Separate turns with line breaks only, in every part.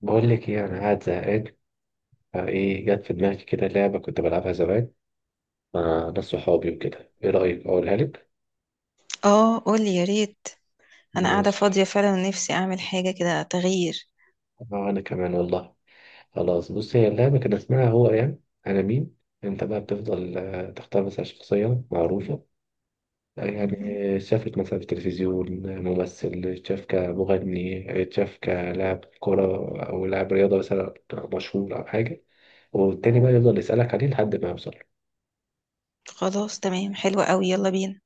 بقول لك ايه، انا قاعد زهقان. فايه جت في دماغي كده لعبه كنت بلعبها زمان مع ناس صحابي وكده. ايه رايك اقولها لك؟
اه، قولي يا ريت. انا قاعده فاضيه
ماشي.
فعلا، ونفسي اعمل حاجه كده، تغيير
اه انا كمان والله. خلاص، بص، هي اللعبه كان اسمها هو يعني انا مين. انت بقى بتفضل تختار مثلا شخصيه معروفه، يعني
مهم.
شافت مثلا في التلفزيون ممثل، شاف كمغني، شاف كلاعب كرة أو لاعب رياضة مثلا مشهور أو حاجة، والتاني بقى يفضل يسألك عليه لحد ما يوصل.
خلاص، تمام، حلوه قوي، يلا بينا.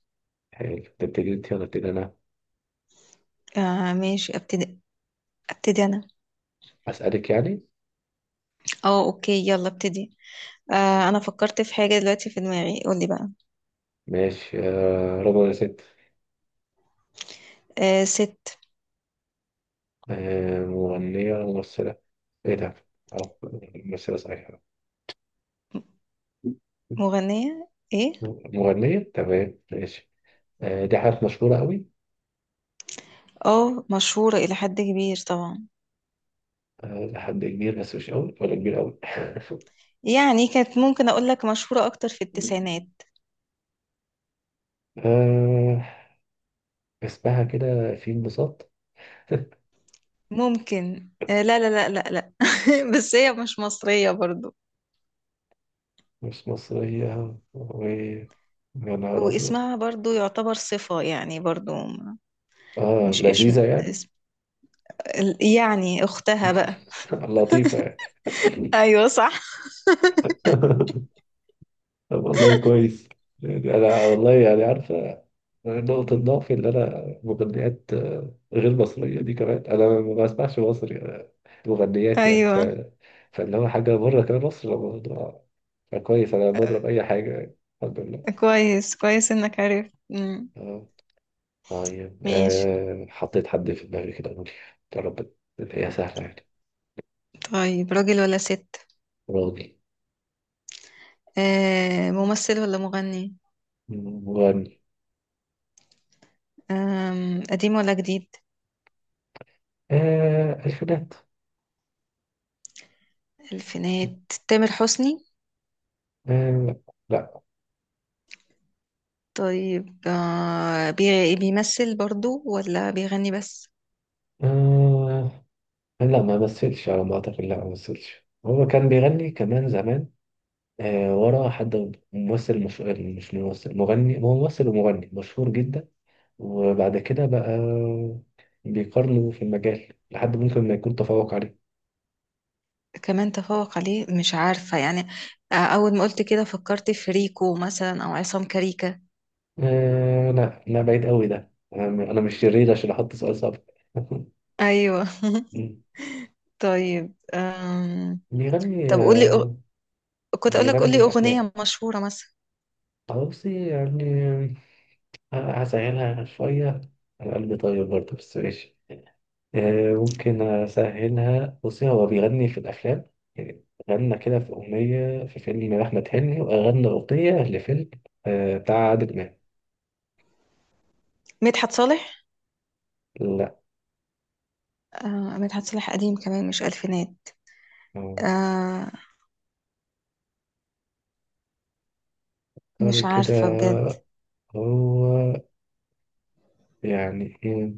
حلو، تبتدي أنت ولا أبتدي أنا؟
آه ماشي، ابتدي. ابتدي انا.
أسألك يعني.
اه، اوكي، يلا ابتدي. انا فكرت في حاجه دلوقتي في دماغي، قولي بقى.
ماشي. رضوى يا ست.
آه، ست.
مغنية ولا ممثلة؟ ايه ده؟ أو ممثلة صحيحة.
مغنيه، ايه.
مغنية، تمام، ماشي. دي حاجات مشهورة قوي.
اه، مشهوره الى حد كبير طبعا.
لحد كبير بس مش قوي ولا كبير قوي.
يعني كانت ممكن اقول لك مشهوره اكتر في التسعينات.
آه، اسمها كده في انبساط.
ممكن. لا لا لا لا لا. بس هي مش مصريه برضو.
مش مصرية و يا نهار أبيض.
واسمها برضو يعتبر صفة يعني، برضو.
اه
مش اسم
لذيذة يعني.
اسم. يعني اختها بقى.
لطيفة يعني.
ايوه، صح.
طب والله كويس. يعني انا والله يعني عارفه نقطة ضعفي، اللي أنا مغنيات غير مصرية دي كمان أنا ما بسمعش مصري، مغنيات يعني
ايوه.
فاللي هو حاجة بره كمان مصر الموضوع. فكويس، أنا بضرب أي حاجة يعني. الحمد لله.
كويس كويس انك عرفت. مم.
آه، طيب،
ماشي.
حطيت حد في دماغي كده، قولي. يا رب، هي سهلة يعني.
طيب، راجل ولا ست؟
راضي.
آه، ممثل ولا مغني؟
مغني.
قديم ولا جديد؟
الفينات.
الفينات. تامر حسني؟
آه، لا.
طيب، بيمثل برضو ولا بيغني بس؟
آه، لا، ما مثلش على ما أعتقد. لا ما مثلش، هو كان بيغني كمان زمان ورا حد ممثل. مش ممثل، مغني. هو ممثل ومغني مشهور جدا، وبعد كده بقى بيقارنوا في المجال لحد ممكن ما يكون تفوق عليه.
كمان تفوق عليه، مش عارفة يعني. أول ما قلت كده فكرت في ريكو مثلا أو عصام كاريكا.
آه لا لا، بعيد قوي ده. انا أنا مش شرير عشان احط سؤال صعب.
أيوة. طيب.
بيغني
طب قولي. كنت اقول لك
يغني
قولي
الافلام.
اغنيه مشهوره مثلا.
بصي يعني، هسهلها شويه. انا قلبي طيب برضه بس ماشي. ممكن أسهلها. بصي، هو بيغني في الأفلام يعني، غنى كده في أغنية في فيلم أحمد حلمي، وغنى أغنية لفيلم بتاع عادل إمام.
مدحت صالح؟
لا.
آه، مدحت صالح قديم كمان، مش الفينات.
آه،
آه.
سوري
مش
كده.
عارفه بجد.
هو يعني إيه،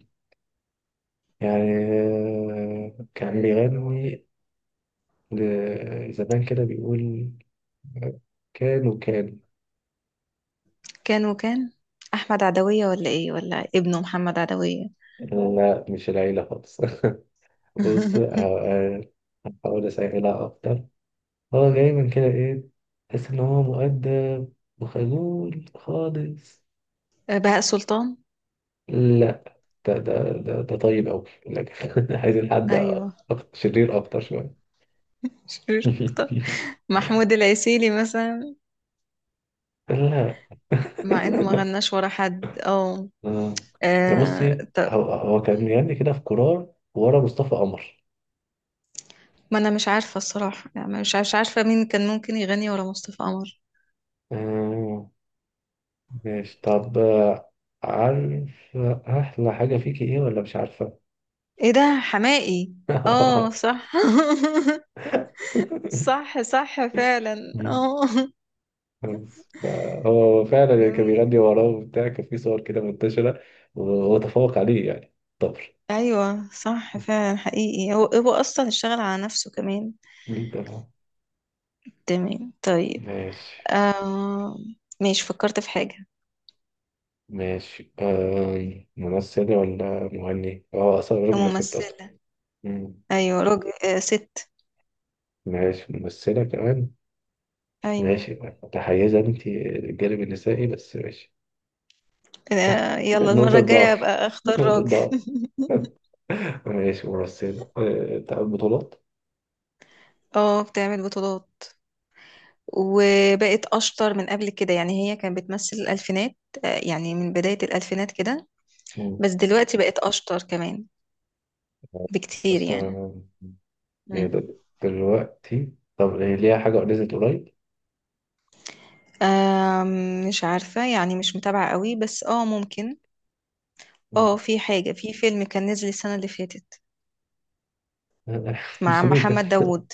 يعني كان بيغني زمان كده بيقول كان وكان.
كان وكان. احمد عدويه ولا ايه؟ ولا ابنه محمد عدويه؟
لا مش العيلة خالص. بص، آه، هحاول أسهلها أكتر. هو دايما كده ايه، تحس ان هو مؤدب وخجول خالص.
بهاء سلطان؟
لا، ده طيب أوي لكن عايزين حد
ايوه.
أكتر شرير، أكتر شوية.
شرير اكتر. محمود العسيلي مثلا؟
لا.
مع انه ما
لا.
غناش ورا حد، اه.
آه. كان، بصي،
طب.
هو كان يعني كده في قرار ورا مصطفى قمر.
ما انا مش عارفه الصراحه يعني، مش عارفه مين كان ممكن يغني ورا مصطفى قمر.
آه. ماشي. طب، عارف أحلى حاجة فيكي إيه ولا مش عارفة؟
ايه ده؟ حماقي؟ اه، صح. صح صح فعلا.
مم.
اه.
هو فعلا اللي كان
جميل.
بيغني وراه وبتاع، كان في صور كده منتشرة وتفوق عليه يعني. طبر.
ايوه، صح فعلا، حقيقي، هو اصلا اشتغل على نفسه كمان.
مين ده بقى؟
تمام، طيب.
ماشي
آه. ماشي، فكرت في حاجه.
ماشي. آه، ممثلة ولا مغني؟ اه أصلا راجل ولا ست أصلا؟
ممثله.
مم.
ايوه، راجل، آه، ست.
ماشي، ممثلة كمان.
ايوه.
ماشي. متحيزة أنت للجانب النسائي بس ماشي.
يلا المره
نقطة
الجايه
ضعف،
ابقى اختار
نقطة
راجل.
ضعف. ماشي. ممثلة، آه، بتاعت بطولات.
اه، بتعمل بطولات. وبقت اشطر من قبل كده، يعني هي كانت بتمثل الالفينات. يعني من بدايه الالفينات كده.
مم.
بس دلوقتي بقت اشطر كمان. بكتير
بس
يعني.
آه،
مم.
دلوقتي طب هي ليها حاجة نزلت قريب؟
آم، مش عارفة يعني، مش متابعة قوي، بس اه ممكن. اه، في حاجة في فيلم كان نزل السنة اللي فاتت مع
500،
محمد داوود.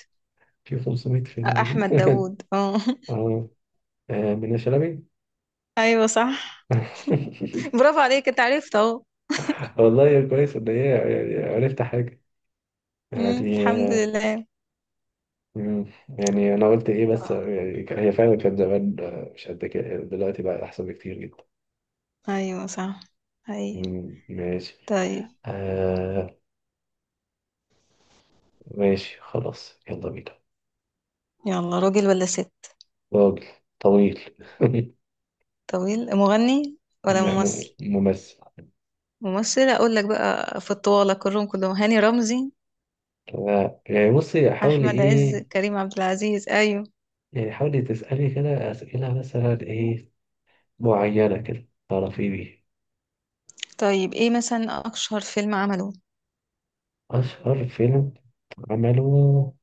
في 500 فيلم نزل.
أحمد داوود، اه.
اه، من شلبي.
أيوة، صح. برافو عليك، انت عرفت اهو.
والله يا كويس ان هي يعني عرفت حاجة
مم،
يعني،
الحمد لله.
مم، يعني انا قلت ايه
حلو
بس
أوي.
يعني هي فعلا كانت زمان مش قد كده، يعني دلوقتي بقى احسن بكتير جدا.
أيوة صح. أي.
مم، ماشي.
طيب.
آه. ماشي خلاص، يلا بينا.
يلا، راجل ولا ست؟
راجل، طويل.
طويل. مغني ولا
لا،
ممثل؟
ممثل.
ممثل، أقول لك بقى في الطوالة كلهم كلهم: هاني رمزي،
لا، يعني بصي، حاولي
أحمد عز،
ايه،
كريم عبد العزيز، أيوة.
يعني حاولي تسألي كده أسئلة مثلا ايه معينة كده تعرفي بيه.
طيب، ايه مثلا أشهر فيلم عمله؟
أشهر فيلم عمله؟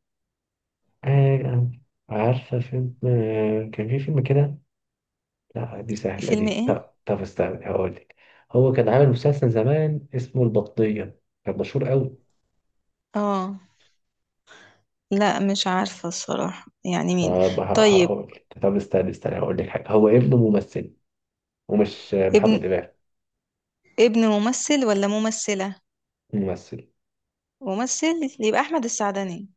آه، عارفة فيلم، آه، كان في فيلم كده. لا دي سهلة
فيلم
دي.
ايه؟
لا طب استنى هقولك. هو كان عامل مسلسل زمان اسمه البطية، كان مشهور أوي.
اه، لا، مش عارفة الصراحة يعني مين.
طب
طيب.
هقولك، طب استنى استنى، هقولك حاجة، هو ابنه ممثل. ومش
ابن
محمد إمام.
ابن ممثل ولا ممثلة؟
ممثل.
ممثل. يبقى أحمد السعدني.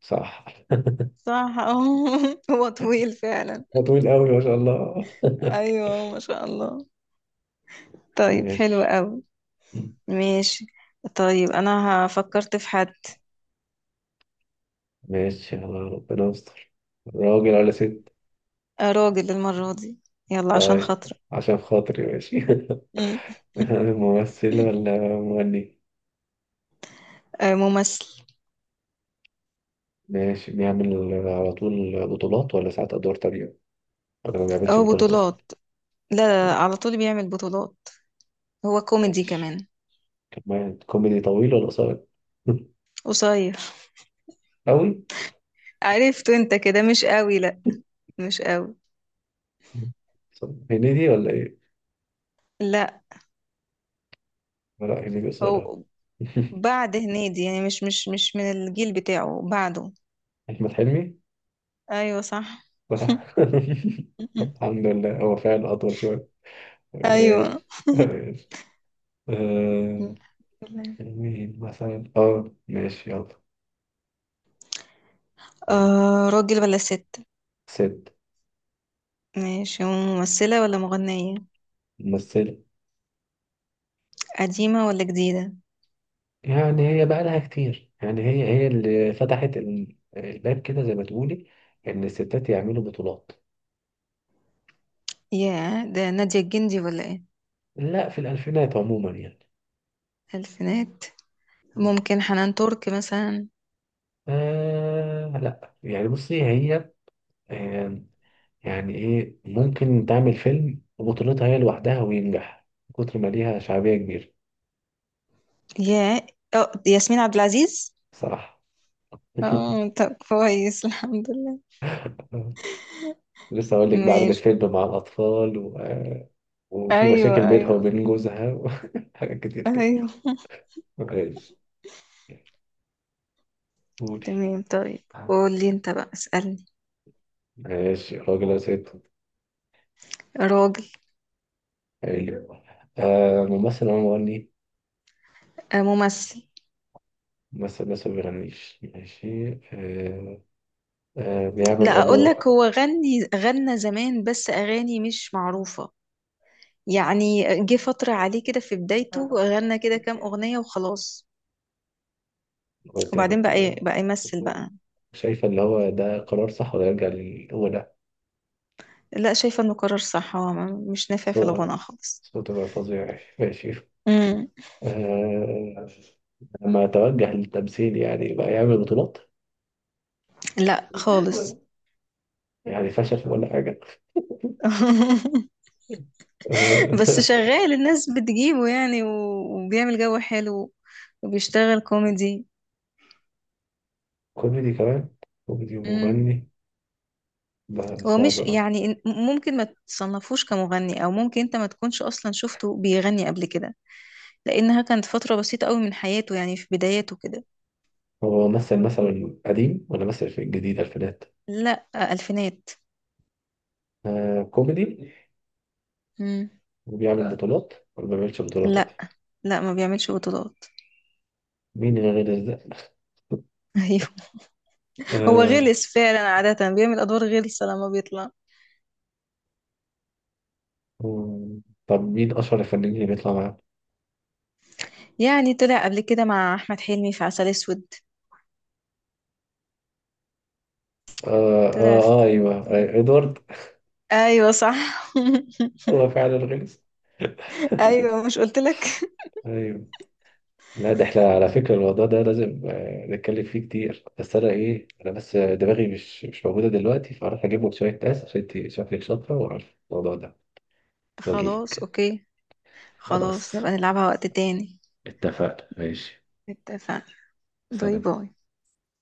صح.
صح. اه. هو طويل فعلا.
ده طويل أوي ما شاء الله.
ايوه، ما شاء الله. طيب، حلو
ماشي
قوي. ماشي. طيب، انا فكرت في حد.
ماشي. يلا ربنا يستر. راجل ولا ست؟
راجل المرة دي. يلا عشان
طيب،
خاطرك.
عشان خاطري ماشي.
مم.
ممثل ولا مغني؟
ممثل.
ماشي. بيعمل على طول بطولات، ولا ساعات أدوار تانية، ولا ما بيعملش
اه،
بطولات أصلا؟
بطولات. لا لا، لا، على طول بيعمل بطولات. هو كوميدي
ماشي.
كمان.
كمان كوميدي. طويل ولا قصير؟
قصير.
أوي.
عرفته انت كده، مش قوي، لا. مش قوي.
طب هنيدي ولا إيه؟
لا.
لا هنيدي قصير أوي.
هو بعد هنيدي يعني، مش من الجيل بتاعه، بعده.
أحمد حلمي.
ايوه، صح.
صح. الحمد لله هو فعلا أطول شوية.
ايوه.
ماشي ماشي. أه، مين مثلا؟ اه ماشي يلا. مم.
راجل ولا ست؟
ست.
ماشي، ممثلة ولا مغنية؟
ممثلة.
قديمة ولا جديدة؟
يعني هي بقى لها كتير، يعني هي اللي فتحت الباب كده زي ما تقولي إن الستات يعملوا بطولات.
يا ده، نادية الجندي ولا ايه؟
لا، في الألفينات عموما يعني.
الفينات.
مم.
ممكن حنان ترك مثلا؟
آه لا، يعني بصي هي، آه، يعني إيه، ممكن تعمل فيلم بطولتها هي لوحدها وينجح من كتر ما ليها شعبية كبيرة.
يا. اه، ياسمين عبد العزيز.
صراحة.
اه، طب كويس، الحمد لله.
لسه أقول لك بقى، عملت
ماشي.
فيلم مع الأطفال وفي
ايوه،
مشاكل بينها
ايوه.
وبين جوزها وحاجات كتير كده.
ايوه.
ماشي. قولي.
تمام، طيب، قول لي انت بقى، اسألني.
ماشي، راجل أو ست؟
راجل.
حلو. آه، ممثل أو مغني؟
ممثل.
ممثل بس ما بيغنيش، ماشي. آه، آه بيعمل
لا، اقول لك
أضواء.
هو غني غنى زمان، بس اغاني مش معروفة. يعني جه فترة عليه كده في بدايته، غنى كده كام اغنية وخلاص.
كنت
وبعدين
كنت
بقى بقى يمثل بقى.
شايفة اللي هو ده قرار صح ولا يرجع للأولى؟
لا، شايفة انه قرار صح، هو مش نافع في
صوت-
الغنى خالص.
صوته بقى فظيع. ماشي.
امم.
آه، لما توجه للتمثيل، يعني بقى يعمل بطولات؟
لا خالص.
يعني فشل ولا حاجة؟
بس
آه،
شغال، الناس بتجيبه يعني، وبيعمل جو حلو. وبيشتغل كوميدي.
كوميدي كمان. كوميدي ومغني، ده
هو
صعب
مش
أوي.
يعني ممكن ما تصنفوش كمغني، او ممكن انت ما تكونش اصلا شفته بيغني قبل كده. لانها كانت فترة بسيطة قوي من حياته، يعني في بداياته كده.
هو مثل مثلا قديم، ولا مثل في الجديد ألفينات؟
لا، الفينات.
آه كوميدي.
مم.
وبيعمل بطولات ولا ما بيعملش بطولات؟
لا، لا ما بيعملش بطولات.
مين اللي غير ده؟
ايوه. هو
آه.
غلس فعلا، عادة بيعمل ادوار غلسة لما بيطلع.
مم، طب مين أشهر الفنانين اللي بيطلع معاه؟
يعني طلع قبل كده مع احمد حلمي في عسل اسود.
آه,
طلع
آه,
في.
أيوه، إدوارد.
ايوه، صح.
هو فعلا غلس.
ايوه، مش قلت لك؟
أيوه. لا ده احنا على فكرة الموضوع ده لازم، نتكلم فيه كتير، بس انا ايه، انا بس دماغي مش موجودة دلوقتي، فاروح اجيب لك شوية ناس، عشان انت شكلك شاطرة وعارفة الموضوع ده،
خلاص،
واجيلك.
اوكي. خلاص،
خلاص،
نبقى نلعبها وقت تاني.
اتفقنا. ماشي.
اتفقنا. باي
سلام.
باي.